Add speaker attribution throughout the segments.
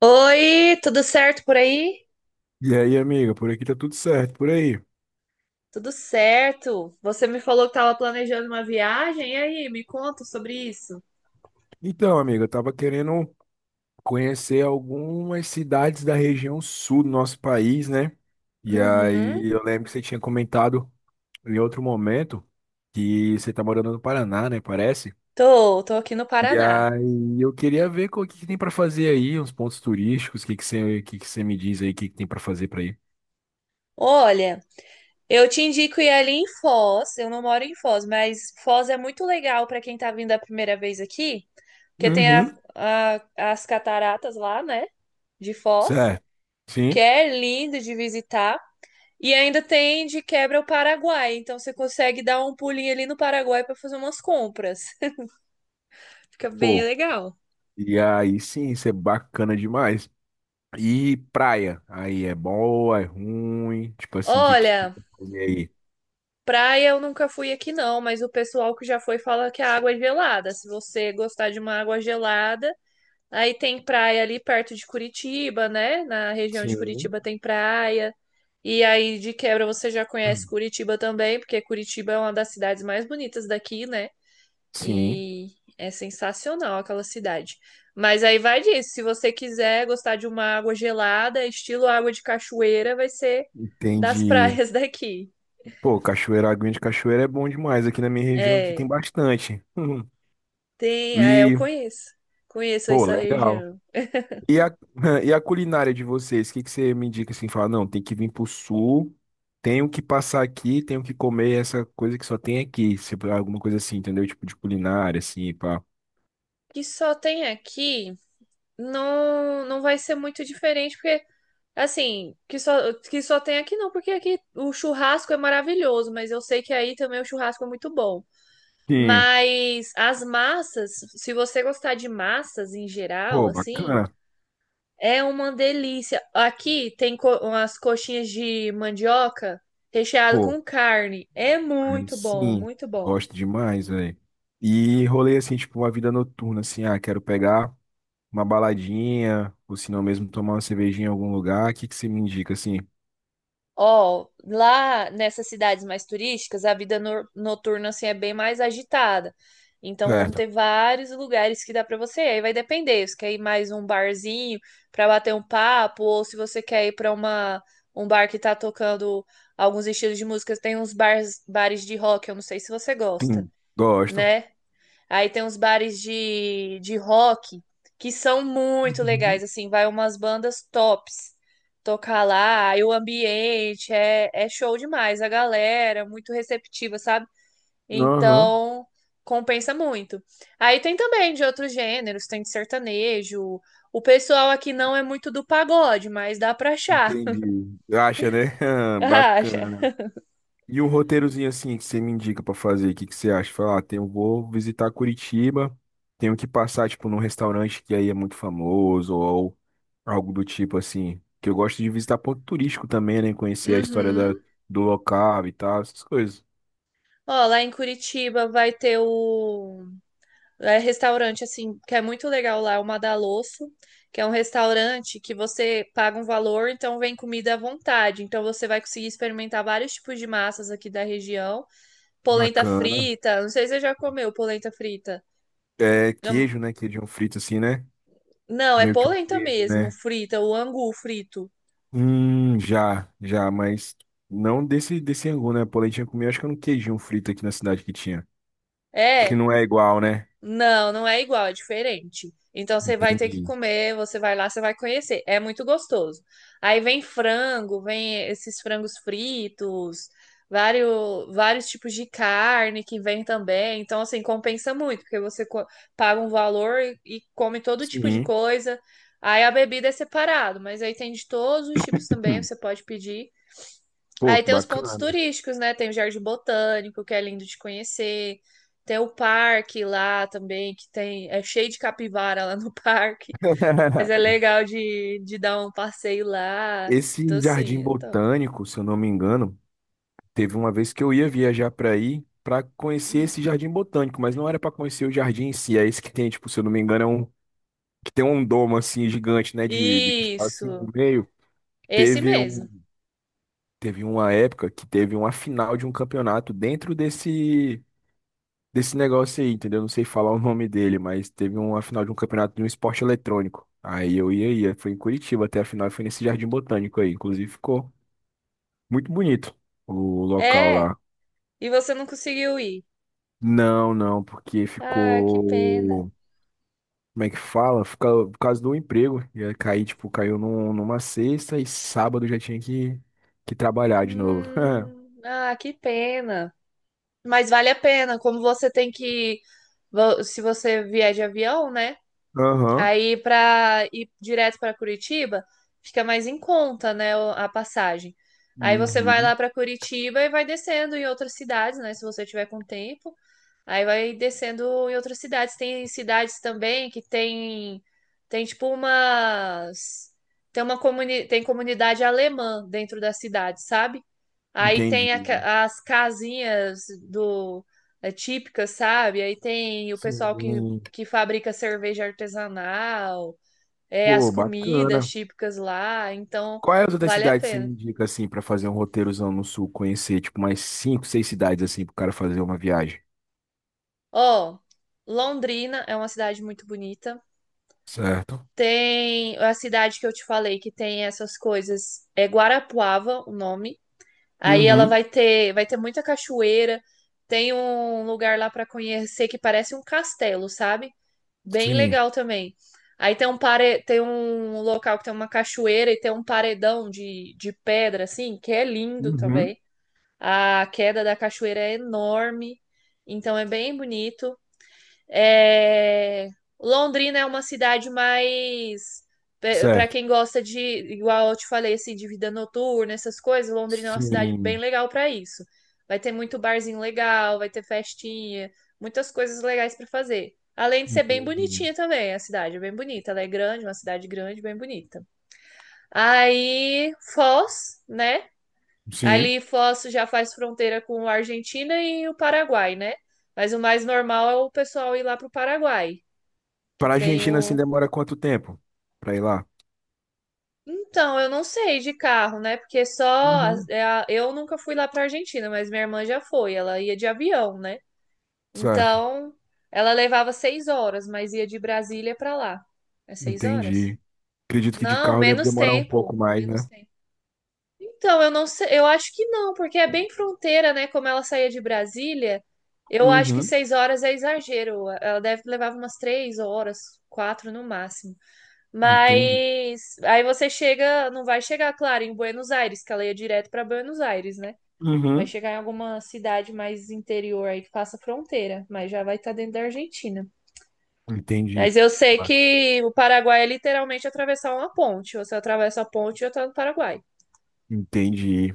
Speaker 1: Oi, tudo certo por aí?
Speaker 2: E aí, amiga, por aqui tá tudo certo, por aí.
Speaker 1: Tudo certo. Você me falou que estava planejando uma viagem, e aí, me conta sobre isso.
Speaker 2: Então, amiga, eu tava querendo conhecer algumas cidades da região sul do nosso país, né? E
Speaker 1: Uhum.
Speaker 2: aí, eu lembro que você tinha comentado em outro momento que você tá morando no Paraná, né? Parece.
Speaker 1: Tô aqui no
Speaker 2: E
Speaker 1: Paraná.
Speaker 2: aí, eu queria ver o que que tem pra fazer aí, uns pontos turísticos, o que que você me diz aí, o que que tem pra fazer pra ir?
Speaker 1: Olha, eu te indico ir ali em Foz. Eu não moro em Foz, mas Foz é muito legal para quem tá vindo a primeira vez aqui, porque tem
Speaker 2: Uhum.
Speaker 1: as cataratas lá, né, de Foz,
Speaker 2: Certo.
Speaker 1: que
Speaker 2: Sim.
Speaker 1: é lindo de visitar. E ainda tem de quebra o Paraguai, então você consegue dar um pulinho ali no Paraguai para fazer umas compras. Fica bem
Speaker 2: Pô.
Speaker 1: legal.
Speaker 2: E aí, sim, isso é bacana demais. E praia, aí é boa, é ruim, tipo assim, o que que tem
Speaker 1: Olha,
Speaker 2: que fazer aí?
Speaker 1: praia eu nunca fui aqui não, mas o pessoal que já foi fala que a água é gelada. Se você gostar de uma água gelada, aí tem praia ali perto de Curitiba, né? Na região de
Speaker 2: Sim.
Speaker 1: Curitiba tem praia. E aí de quebra você já conhece Curitiba também, porque Curitiba é uma das cidades mais bonitas daqui, né?
Speaker 2: Sim,
Speaker 1: E é sensacional aquela cidade. Mas aí vai disso, se você quiser gostar de uma água gelada, estilo água de cachoeira, vai ser das
Speaker 2: entendi.
Speaker 1: praias daqui.
Speaker 2: Pô, cachoeira, aguinha de cachoeira é bom demais, aqui na minha região aqui tem
Speaker 1: É,
Speaker 2: bastante. Uhum.
Speaker 1: tem, é, eu
Speaker 2: E,
Speaker 1: conheço. Conheço
Speaker 2: pô,
Speaker 1: essa
Speaker 2: legal.
Speaker 1: região.
Speaker 2: E a, e a culinária de vocês, o que que você me indica assim, fala, não, tem que vir pro sul, tenho que passar aqui, tenho que comer essa coisa que só tem aqui, se alguma coisa assim, entendeu? Tipo de culinária, assim, pá.
Speaker 1: Que só tem aqui, não, não vai ser muito diferente, porque assim, que só tem aqui não, porque aqui o churrasco é maravilhoso, mas eu sei que aí também o churrasco é muito bom.
Speaker 2: Sim,
Speaker 1: Mas as massas, se você gostar de massas em geral,
Speaker 2: pô,
Speaker 1: assim,
Speaker 2: bacana.
Speaker 1: é uma delícia. Aqui tem co umas coxinhas de mandioca recheado
Speaker 2: Pô.
Speaker 1: com carne. É
Speaker 2: Aí
Speaker 1: muito bom,
Speaker 2: sim,
Speaker 1: muito bom.
Speaker 2: gosto demais, velho. E rolê assim, tipo, uma vida noturna, assim, ah, quero pegar uma baladinha, ou se não mesmo tomar uma cervejinha em algum lugar, o que que você me indica, assim?
Speaker 1: Ó, lá nessas cidades mais turísticas, a vida noturna assim é bem mais agitada. Então vão
Speaker 2: Certo.
Speaker 1: ter vários lugares que dá pra você. Aí vai depender, se quer ir mais um barzinho pra bater um papo ou se você quer ir pra uma um bar que tá tocando alguns estilos de música, tem uns bars, bares de rock, eu não sei se você gosta,
Speaker 2: Hum, gosto.
Speaker 1: né? Aí tem uns bares de rock que são muito legais,
Speaker 2: Uhum.
Speaker 1: assim, vai umas bandas tops tocar lá, aí o ambiente é, é show demais, a galera é muito receptiva, sabe?
Speaker 2: Aham,
Speaker 1: Então compensa muito. Aí tem também de outros gêneros, tem de sertanejo. O pessoal aqui não é muito do pagode, mas dá pra achar.
Speaker 2: entendi. Acha, né?
Speaker 1: Acha.
Speaker 2: Bacana. E um roteirozinho assim que você me indica pra fazer, o que que você acha? Falar, ah, tenho, vou visitar Curitiba, tenho que passar, tipo, num restaurante que aí é muito famoso ou algo do tipo assim. Que eu gosto de visitar ponto turístico também, né? Conhecer a
Speaker 1: Uhum.
Speaker 2: do local e tal, essas coisas.
Speaker 1: Ó, lá em Curitiba vai ter o é restaurante assim, que é muito legal lá, é o Madalosso, que é um restaurante que você paga um valor, então vem comida à vontade. Então você vai conseguir experimentar vários tipos de massas aqui da região. Polenta
Speaker 2: Bacana.
Speaker 1: frita, não sei se você já comeu polenta frita.
Speaker 2: É
Speaker 1: Não,
Speaker 2: queijo, né? Queijão frito assim, né?
Speaker 1: não, é
Speaker 2: Meio que um
Speaker 1: polenta
Speaker 2: queijo,
Speaker 1: mesmo,
Speaker 2: né?
Speaker 1: frita, o angu frito.
Speaker 2: Já, mas não desse angu, né? Polentinha comi, acho que era um queijinho frito aqui na cidade que tinha. Acho que
Speaker 1: É.
Speaker 2: não é igual, né?
Speaker 1: Não, não é igual, é diferente. Então você vai ter que
Speaker 2: Entendi.
Speaker 1: comer, você vai lá, você vai conhecer. É muito gostoso. Aí vem frango, vem esses frangos fritos, vários, vários tipos de carne que vem também. Então, assim, compensa muito, porque você paga um valor e come todo tipo de
Speaker 2: Sim.
Speaker 1: coisa. Aí a bebida é separado, mas aí tem de todos os tipos também,
Speaker 2: Hum.
Speaker 1: você pode pedir.
Speaker 2: Pô,
Speaker 1: Aí
Speaker 2: que
Speaker 1: tem os pontos
Speaker 2: bacana.
Speaker 1: turísticos, né? Tem o Jardim Botânico, que é lindo de conhecer. Tem o parque lá também, que tem, é cheio de capivara lá no parque. Mas é legal de dar um passeio lá. Então,
Speaker 2: Esse jardim
Speaker 1: assim, é top.
Speaker 2: botânico, se eu não me engano, teve uma vez que eu ia viajar para aí para conhecer esse jardim botânico, mas não era para conhecer o jardim em si, é esse que tem, tipo, se eu não me engano, é um que tem um domo assim gigante, né, de cristal assim no
Speaker 1: Isso,
Speaker 2: meio.
Speaker 1: esse
Speaker 2: Teve um,
Speaker 1: mesmo.
Speaker 2: teve uma época que teve uma final de um campeonato dentro desse negócio aí, entendeu? Não sei falar o nome dele, mas teve uma final de um campeonato de um esporte eletrônico. Aí eu ia. Foi em Curitiba até a final, e foi nesse Jardim Botânico aí. Inclusive ficou muito bonito o local
Speaker 1: É,
Speaker 2: lá.
Speaker 1: e você não conseguiu ir.
Speaker 2: Não, porque
Speaker 1: Ah, que pena.
Speaker 2: ficou. Como é que fala? Fica, por causa do emprego. Ia cair, tipo, caiu numa sexta e sábado já tinha que trabalhar de novo. É.
Speaker 1: Ah, que pena. Mas vale a pena, como você tem que, se você vier de avião, né?
Speaker 2: Aham.
Speaker 1: Aí, para ir direto para Curitiba, fica mais em conta, né, a passagem. Aí você vai
Speaker 2: Uhum.
Speaker 1: lá para Curitiba e vai descendo em outras cidades, né, se você tiver com tempo. Aí vai descendo em outras cidades. Tem cidades também que tem tem tipo umas tem uma comuni... tem comunidade alemã dentro da cidade, sabe? Aí
Speaker 2: Entendi.
Speaker 1: tem as casinhas do é, típicas, sabe? Aí tem o pessoal
Speaker 2: Sim.
Speaker 1: que fabrica cerveja artesanal, é, as
Speaker 2: Pô,
Speaker 1: comidas
Speaker 2: bacana.
Speaker 1: típicas lá, então
Speaker 2: Qual é as outras
Speaker 1: vale a
Speaker 2: cidades que você me
Speaker 1: pena.
Speaker 2: indica assim pra fazer um roteirozão no sul, conhecer tipo mais cinco, seis cidades assim pro cara fazer uma viagem?
Speaker 1: Ó, Londrina é uma cidade muito bonita.
Speaker 2: Certo.
Speaker 1: Tem a cidade que eu te falei que tem essas coisas, é Guarapuava o nome. Aí ela
Speaker 2: Uhum.
Speaker 1: vai ter muita cachoeira. Tem um lugar lá para conhecer que parece um castelo, sabe? Bem
Speaker 2: Sim.
Speaker 1: legal também. Aí tem um pare... tem um local que tem uma cachoeira e tem um paredão de pedra, assim, que é lindo
Speaker 2: Uhum.
Speaker 1: também. A queda da cachoeira é enorme, então é bem bonito. É, Londrina é uma cidade mais para
Speaker 2: Certo.
Speaker 1: quem gosta de, igual eu te falei, assim, de vida noturna, essas coisas, Londrina é uma cidade bem
Speaker 2: Sim.
Speaker 1: legal para isso. Vai ter muito barzinho legal, vai ter festinha, muitas coisas legais para fazer. Além de ser bem
Speaker 2: Entendi.
Speaker 1: bonitinha também, a cidade é bem bonita, ela é grande, uma cidade grande, bem bonita. Aí, Foz, né?
Speaker 2: Sim.
Speaker 1: Ali Foz já faz fronteira com a Argentina e o Paraguai, né? Mas o mais normal é o pessoal ir lá pro Paraguai que
Speaker 2: Para
Speaker 1: tem
Speaker 2: Argentina assim
Speaker 1: o.
Speaker 2: demora quanto tempo pra ir lá?
Speaker 1: Então, eu não sei de carro, né? Porque só.
Speaker 2: Uhum.
Speaker 1: É eu nunca fui lá pra Argentina, mas minha irmã já foi. Ela ia de avião, né?
Speaker 2: Certo.
Speaker 1: Então, ela levava 6 horas, mas ia de Brasília pra lá. É 6 horas?
Speaker 2: Entendi. Acredito que de
Speaker 1: Não,
Speaker 2: carro deve
Speaker 1: menos
Speaker 2: demorar um pouco
Speaker 1: tempo.
Speaker 2: mais,
Speaker 1: Menos
Speaker 2: né?
Speaker 1: tempo. Então, eu não sei. Eu acho que não, porque é bem fronteira, né? Como ela saía de Brasília, eu acho que
Speaker 2: Uhum.
Speaker 1: 6 horas é exagero. Ela deve levar umas 3 horas, 4 no máximo.
Speaker 2: Entendi.
Speaker 1: Mas aí você chega, não vai chegar, claro, em Buenos Aires, que ela ia direto para Buenos Aires, né? Vai
Speaker 2: Uhum.
Speaker 1: chegar em alguma cidade mais interior aí que faça fronteira, mas já vai estar dentro da Argentina.
Speaker 2: Entendi.
Speaker 1: Mas eu sei
Speaker 2: Ba-
Speaker 1: que o Paraguai é literalmente atravessar uma ponte. Você atravessa a ponte e já tá no Paraguai.
Speaker 2: Entendi.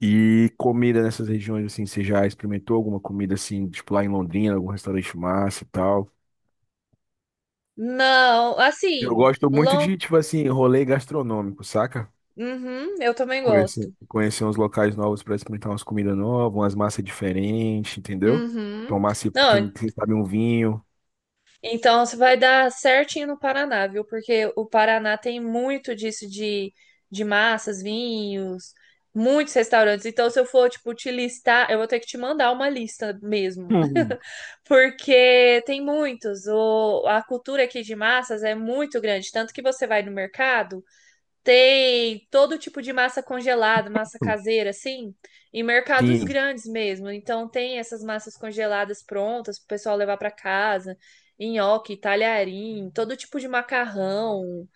Speaker 2: E comida nessas regiões, assim, você já experimentou alguma comida, assim, tipo lá em Londrina, algum restaurante massa e tal?
Speaker 1: Não,
Speaker 2: Eu
Speaker 1: assim,
Speaker 2: gosto muito
Speaker 1: long...
Speaker 2: de, tipo assim, rolê gastronômico, saca?
Speaker 1: Uhum, eu também gosto.
Speaker 2: Conhecer uns locais novos para experimentar umas comidas novas, umas massas diferentes, entendeu?
Speaker 1: Uhum.
Speaker 2: Tomar, se,
Speaker 1: Não,
Speaker 2: quem sabe, um vinho.
Speaker 1: então, você vai dar certinho no Paraná, viu? Porque o Paraná tem muito disso de massas, vinhos, muitos restaurantes. Então, se eu for, tipo, te listar, eu vou ter que te mandar uma lista mesmo. Porque tem muitos. O, a cultura aqui de massas é muito grande. Tanto que você vai no mercado. Tem todo tipo de massa congelada, massa
Speaker 2: Hum.
Speaker 1: caseira, assim, em mercados
Speaker 2: Sim,
Speaker 1: grandes mesmo. Então tem essas massas congeladas prontas para o pessoal levar para casa, nhoque, talharim, todo tipo de macarrão,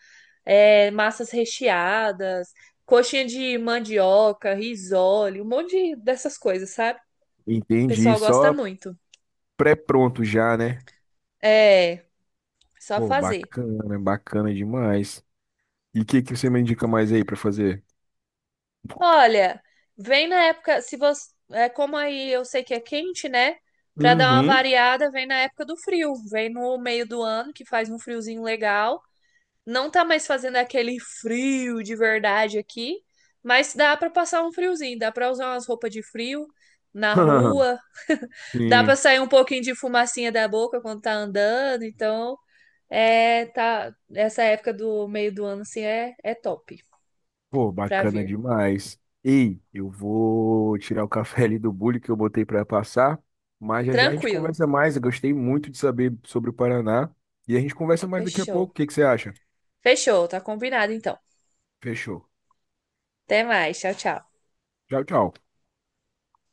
Speaker 1: é, massas recheadas, coxinha de mandioca, risole, um monte dessas coisas, sabe? O
Speaker 2: entendi.
Speaker 1: pessoal gosta
Speaker 2: Só
Speaker 1: muito.
Speaker 2: pré-pronto já, né?
Speaker 1: É, só
Speaker 2: Pô,
Speaker 1: fazer.
Speaker 2: bacana demais. E o que você me indica mais aí pra fazer?
Speaker 1: Olha, vem na época, se você, é como aí eu sei que é quente, né? Pra dar uma
Speaker 2: Uhum.
Speaker 1: variada, vem na época do frio, vem no meio do ano que faz um friozinho legal. Não tá mais fazendo aquele frio de verdade aqui, mas dá pra passar um friozinho, dá pra usar umas roupas de frio na rua, dá pra
Speaker 2: Sim.
Speaker 1: sair um pouquinho de fumacinha da boca quando tá andando, então é tá essa época do meio do ano assim é top
Speaker 2: Pô,
Speaker 1: pra
Speaker 2: bacana
Speaker 1: vir.
Speaker 2: demais. Ei, eu vou tirar o café ali do bule que eu botei para passar, mas já já a gente
Speaker 1: Tranquilo.
Speaker 2: conversa mais. Eu gostei muito de saber sobre o Paraná e a gente conversa mais daqui a pouco.
Speaker 1: Fechou.
Speaker 2: O que que você acha?
Speaker 1: Fechou, tá combinado então.
Speaker 2: Fechou.
Speaker 1: Até mais, tchau, tchau.
Speaker 2: Tchau, tchau.